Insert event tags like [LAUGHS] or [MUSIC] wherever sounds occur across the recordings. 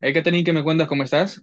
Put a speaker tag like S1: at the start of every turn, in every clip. S1: Hay que tener que me cuentas? ¿Cómo estás?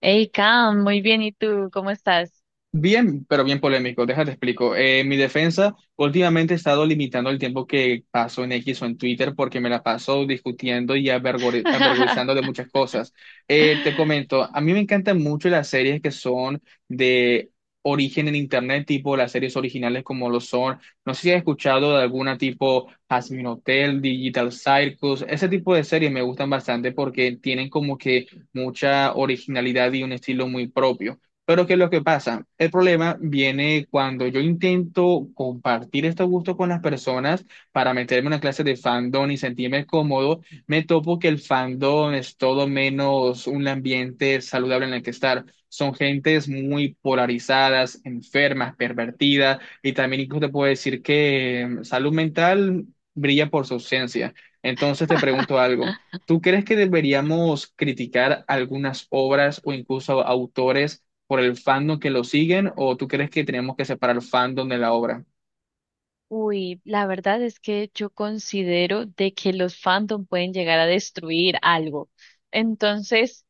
S2: Hey, Cam, muy bien. ¿Y tú? ¿Cómo estás?
S1: Bien, pero bien polémico, déjate explico. Mi defensa, últimamente he estado limitando el tiempo que paso en X o en Twitter porque me la paso discutiendo y avergonzando de
S2: [LAUGHS]
S1: muchas cosas. Te comento, a mí me encantan mucho las series que son de origen en Internet, tipo las series originales como lo son. No sé si has escuchado de alguna tipo Hazbin Hotel, Digital Circus, ese tipo de series me gustan bastante porque tienen como que mucha originalidad y un estilo muy propio. Pero ¿qué es lo que pasa? El problema viene cuando yo intento compartir estos gustos con las personas para meterme en una clase de fandom y sentirme cómodo, me topo que el fandom es todo menos un ambiente saludable en el que estar. Son gentes muy polarizadas, enfermas, pervertidas y también incluso te puedo decir que salud mental brilla por su ausencia. Entonces te pregunto algo. ¿Tú crees que deberíamos criticar algunas obras o incluso autores por el fandom que lo siguen o tú crees que tenemos que separar el fandom de la obra?
S2: Uy, la verdad es que yo considero de que los fandom pueden llegar a destruir algo. Entonces,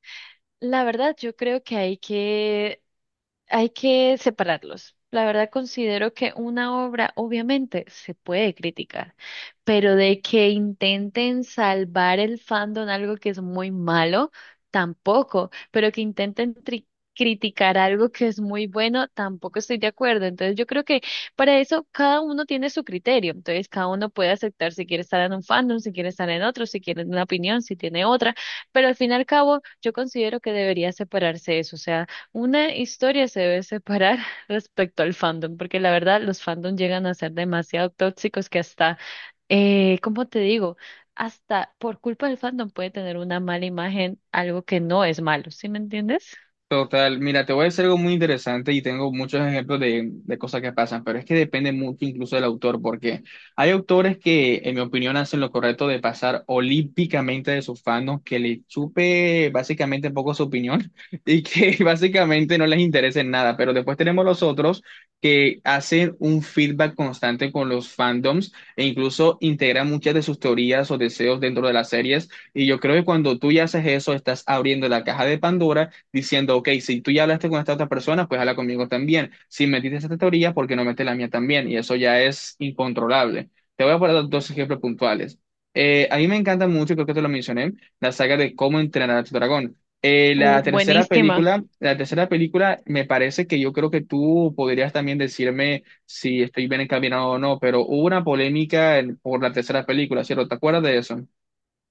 S2: la verdad yo creo que hay que separarlos. La verdad considero que una obra obviamente se puede criticar, pero de que intenten salvar el fandom algo que es muy malo, tampoco, pero que criticar algo que es muy bueno, tampoco estoy de acuerdo. Entonces yo creo que para eso cada uno tiene su criterio, entonces cada uno puede aceptar si quiere estar en un fandom, si quiere estar en otro, si quiere una opinión, si tiene otra, pero al fin y al cabo yo considero que debería separarse eso, o sea, una historia se debe separar [LAUGHS] respecto al fandom, porque la verdad los fandom llegan a ser demasiado tóxicos que hasta, ¿cómo te digo? Hasta por culpa del fandom puede tener una mala imagen, algo que no es malo, ¿sí me entiendes?
S1: Total, mira, te voy a decir algo muy interesante y tengo muchos ejemplos de cosas que pasan, pero es que depende mucho incluso del autor, porque hay autores que, en mi opinión, hacen lo correcto de pasar olímpicamente de sus fans, que le chupe básicamente un poco su opinión [LAUGHS] y que [LAUGHS] básicamente no les interese en nada, pero después tenemos los otros que hacen un feedback constante con los fandoms e incluso integran muchas de sus teorías o deseos dentro de las series, y yo creo que cuando tú ya haces eso, estás abriendo la caja de Pandora diciendo, ok, si tú ya hablaste con esta otra persona, pues habla conmigo también. Si metiste esta teoría, ¿por qué no metes la mía también? Y eso ya es incontrolable. Te voy a poner dos ejemplos puntuales. A mí me encanta mucho, creo que te lo mencioné, la saga de Cómo entrenar a tu dragón.
S2: Buenísima.
S1: La tercera película me parece que yo creo que tú podrías también decirme si estoy bien encaminado o no, pero hubo una polémica por la tercera película, ¿cierto? ¿Te acuerdas de eso?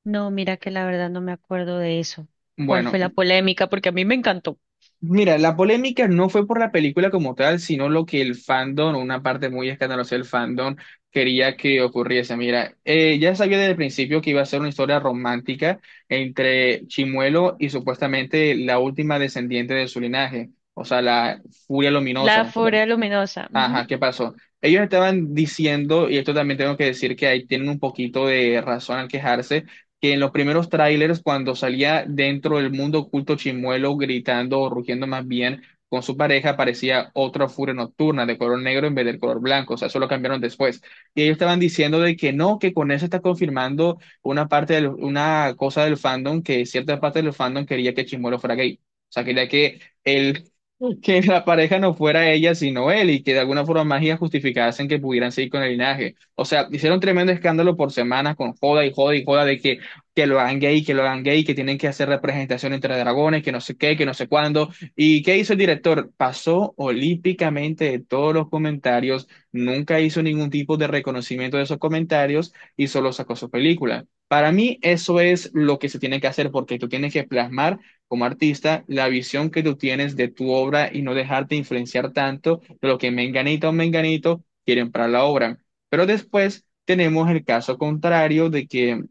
S2: No, mira que la verdad no me acuerdo de eso. ¿Cuál
S1: Bueno,
S2: fue la polémica? Porque a mí me encantó.
S1: mira, la polémica no fue por la película como tal, sino lo que el fandom, una parte muy escandalosa del fandom, quería que ocurriese. Mira, ya sabía desde el principio que iba a ser una historia romántica entre Chimuelo y supuestamente la última descendiente de su linaje, o sea, la Furia
S2: La
S1: Luminosa.
S2: Furia Luminosa. Ujú.
S1: Ajá, ¿qué pasó? Ellos estaban diciendo, y esto también tengo que decir que ahí tienen un poquito de razón al quejarse, que en los primeros trailers, cuando salía dentro del mundo oculto Chimuelo gritando o rugiendo más bien con su pareja, parecía otra furia nocturna de color negro en vez del color blanco, o sea, eso lo cambiaron después. Y ellos estaban diciendo de que no, que con eso está confirmando una cosa del fandom, que cierta parte del fandom quería que Chimuelo fuera gay. O sea, quería que él [LAUGHS] que la pareja no fuera ella sino él y que de alguna forma mágica justificasen que pudieran seguir con el linaje. O sea, hicieron tremendo escándalo por semanas con joda y joda y joda de que lo hagan gay, que lo hagan gay, que tienen que hacer representación entre dragones, que no sé qué, que no sé cuándo. ¿Y qué hizo el director? Pasó olímpicamente de todos los comentarios, nunca hizo ningún tipo de reconocimiento de esos comentarios y solo sacó su película. Para mí eso es lo que se tiene que hacer porque tú tienes que plasmar como artista, la visión que tú tienes de tu obra y no dejarte influenciar tanto de lo que Menganito o Menganito quieren para la obra. Pero después tenemos el caso contrario de que,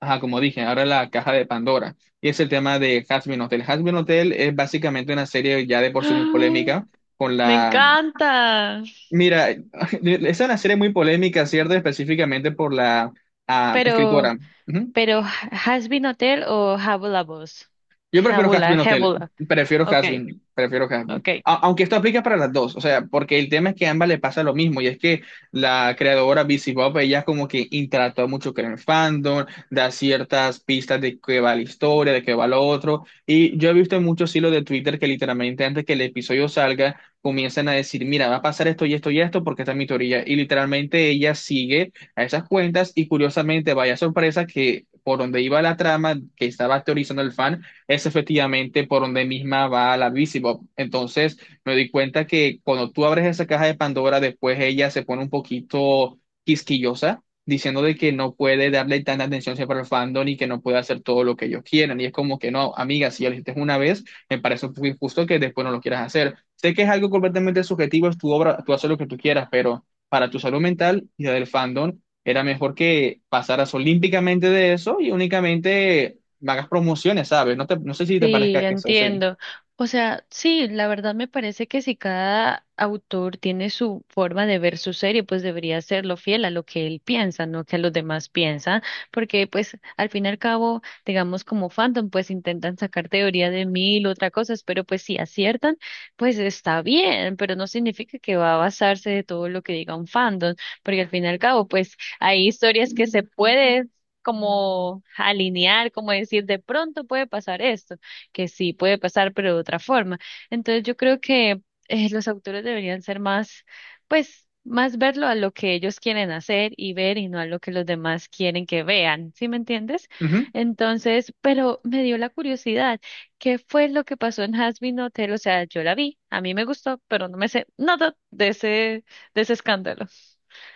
S1: ajá, como dije, ahora la caja de Pandora, y es el tema de Hazbin Hotel. Hazbin Hotel es básicamente una serie ya de
S2: [GASPS]
S1: por sí muy
S2: ¡Ah!
S1: polémica. Con
S2: Me
S1: la.
S2: encanta.
S1: Mira, [LAUGHS] es una serie muy polémica, ¿cierto? Específicamente por la
S2: Pero
S1: escritora. Ujú.
S2: Pero Has Been Hotel o Habula Boss.
S1: Yo prefiero
S2: Habula,
S1: Hasbin Hotel,
S2: habula.
S1: prefiero
S2: Ok,
S1: Hasbin, prefiero Hasbin.
S2: ok.
S1: Aunque esto aplica para las dos, o sea, porque el tema es que a ambas le pasa lo mismo, y es que la creadora BC Bob, ella como que interactúa mucho con el fandom, da ciertas pistas de qué va la historia, de qué va lo otro, y yo he visto en muchos hilos de Twitter que literalmente antes que el episodio salga, comienzan a decir, mira, va a pasar esto y esto y esto, porque esta es mi teoría, y literalmente ella sigue a esas cuentas, y curiosamente, vaya sorpresa que por donde iba la trama que estaba teorizando el fan, es efectivamente por donde misma va la Visibob. Entonces me di cuenta que cuando tú abres esa caja de Pandora, después ella se pone un poquito quisquillosa, diciendo de que no puede darle tanta atención siempre al fandom y que no puede hacer todo lo que ellos quieran. Y es como que no, amiga, si ya lo hiciste una vez, me parece un poco injusto que después no lo quieras hacer. Sé que es algo completamente subjetivo, es tu obra, tú haces lo que tú quieras, pero para tu salud mental y la del fandom, era mejor que pasaras olímpicamente de eso y únicamente me hagas promociones, ¿sabes? No, te, no sé si te
S2: Sí,
S1: parezca que eso, sí.
S2: entiendo. O sea, sí, la verdad me parece que si cada autor tiene su forma de ver su serie, pues debería serlo fiel a lo que él piensa, no que a los demás piensan, porque pues al fin y al cabo, digamos como fandom, pues intentan sacar teoría de mil otras cosas, pero pues si aciertan, pues está bien, pero no significa que va a basarse de todo lo que diga un fandom, porque al fin y al cabo, pues hay historias que se puede como alinear, como decir, de pronto puede pasar esto que sí puede pasar, pero de otra forma. Entonces yo creo que los autores deberían ser más, pues, más verlo a lo que ellos quieren hacer y ver y no a lo que los demás quieren que vean, ¿sí me entiendes?
S1: Ujú.
S2: Entonces, pero me dio la curiosidad, ¿qué fue lo que pasó en Hazbin Hotel? O sea, yo la vi, a mí me gustó, pero no me sé nada de ese escándalo.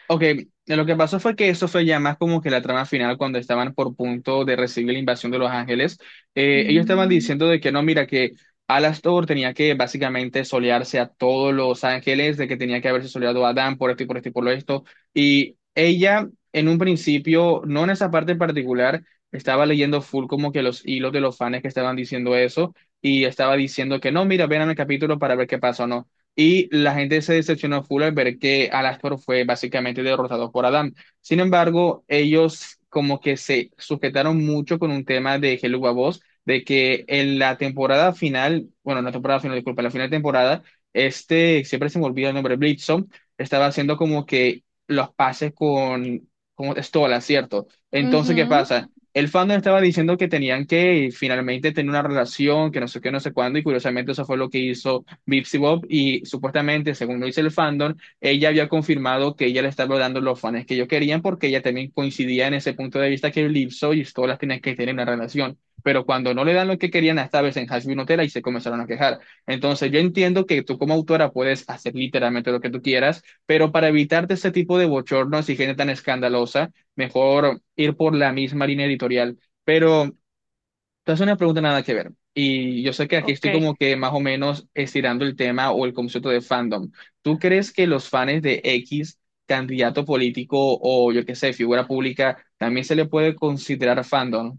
S1: Ok, lo que pasó fue que eso fue ya más como que la trama final cuando estaban por punto de recibir la invasión de Los Ángeles. Ellos estaban
S2: Mm,
S1: diciendo de que no, mira, que Alastor tenía que básicamente solearse a todos Los Ángeles, de que tenía que haberse soleado a Adán por esto y por esto y por lo esto. Y ella, en un principio, no en esa parte en particular, estaba leyendo full como que los hilos de los fans que estaban diciendo eso y estaba diciendo que no, mira, ven al capítulo para ver qué pasó, no. Y la gente se decepcionó full al ver que Alastor fue básicamente derrotado por Adam. Sin embargo, ellos como que se sujetaron mucho con un tema de Hello Babos, de que en la temporada final, bueno, no temporada final, disculpa, la final de temporada, este, siempre se me olvida el nombre, Blitzon, estaba haciendo como que los pases con Stola, ¿cierto? Entonces, ¿qué
S2: ujú,
S1: pasa? El fandom estaba diciendo que tenían que finalmente tener una relación, que no sé qué, no sé cuándo, y curiosamente eso fue lo que hizo Bipsy Bob y supuestamente, según lo dice el fandom, ella había confirmado que ella le estaba dando los fans que ellos querían porque ella también coincidía en ese punto de vista que Lipso y todas las tenían que tener una relación. Pero cuando no le dan lo que querían, esta vez en Hashville Nutella y se comenzaron a quejar. Entonces, yo entiendo que tú como autora puedes hacer literalmente lo que tú quieras, pero para evitarte ese tipo de bochornos y gente tan escandalosa, mejor ir por la misma línea editorial. Pero te hace una pregunta nada que ver. Y yo sé que aquí
S2: ok.
S1: estoy como que más o menos estirando el tema o el concepto de fandom. ¿Tú crees que los fans de X candidato político o yo qué sé, figura pública, también se le puede considerar fandom?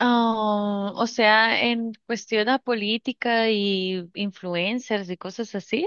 S2: Ah, o sea, en cuestión a política y influencers y cosas así.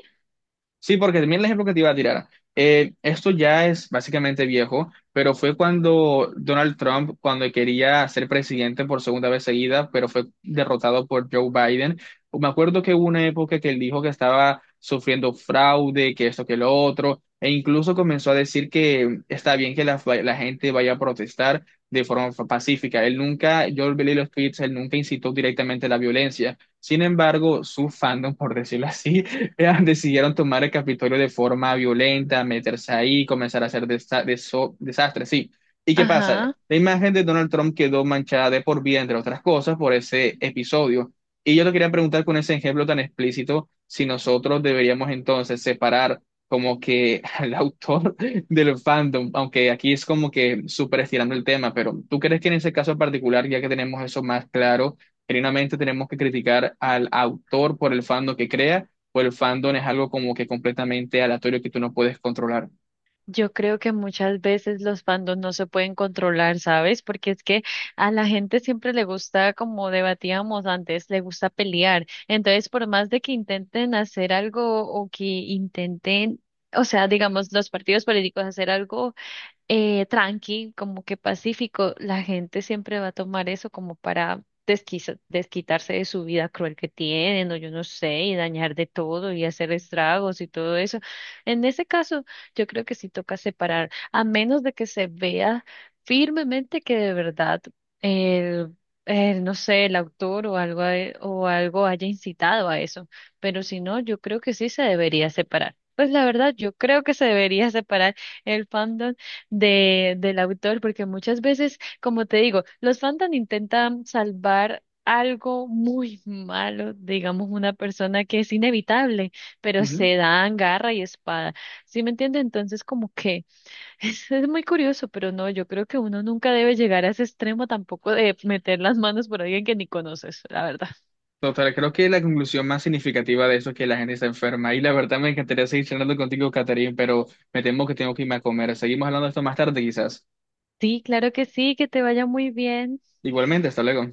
S1: Sí, porque también el ejemplo que te iba a tirar. Esto ya es básicamente viejo, pero fue cuando Donald Trump, cuando quería ser presidente por segunda vez seguida, pero fue derrotado por Joe Biden. Me acuerdo que hubo una época que él dijo que estaba sufriendo fraude, que esto, que lo otro, e incluso comenzó a decir que está bien que la gente vaya a protestar de forma pacífica. Él nunca, yo leí los tweets, él nunca incitó directamente la violencia. Sin embargo, su fandom, [LAUGHS] por decirlo así, [LAUGHS] decidieron tomar el Capitolio de forma violenta, meterse ahí, comenzar a hacer desastres, sí. ¿Y qué pasa?
S2: Ajá.
S1: La imagen de Donald Trump quedó manchada de por vida, entre otras cosas, por ese episodio. Y yo te quería preguntar con ese ejemplo tan explícito, si nosotros deberíamos entonces separar como que al autor [LAUGHS] del fandom, aunque aquí es como que súper estirando el tema, pero ¿tú crees que en ese caso en particular, ya que tenemos eso más claro, genuinamente tenemos que criticar al autor por el fandom que crea o el fandom es algo como que completamente aleatorio que tú no puedes controlar?
S2: Yo creo que muchas veces los fandoms no se pueden controlar, ¿sabes? Porque es que a la gente siempre le gusta, como debatíamos antes, le gusta pelear. Entonces, por más de que intenten hacer algo o que intenten, o sea, digamos, los partidos políticos hacer algo tranqui, como que pacífico, la gente siempre va a tomar eso como para desquitarse de su vida cruel que tienen, o yo no sé, y dañar de todo y hacer estragos y todo eso. En ese caso, yo creo que sí toca separar, a menos de que se vea firmemente que de verdad el, el, no sé, el autor o algo, haya incitado a eso. Pero si no, yo creo que sí se debería separar. Pues la verdad, yo creo que se debería separar el fandom de, del autor, porque muchas veces, como te digo, los fandom intentan salvar algo muy malo, digamos, una persona que es inevitable, pero
S1: Ujú.
S2: se dan garra y espada. ¿Sí me entiende? Entonces, como que [LAUGHS] es muy curioso, pero no, yo creo que uno nunca debe llegar a ese extremo tampoco de meter las manos por alguien que ni conoces, la verdad.
S1: Total, creo que la conclusión más significativa de eso es que la gente está enferma. Y la verdad me encantaría seguir charlando contigo, Catherine, pero me temo que tengo que irme a comer. Seguimos hablando de esto más tarde, quizás.
S2: Sí, claro que sí, que te vaya muy bien.
S1: Igualmente, hasta luego.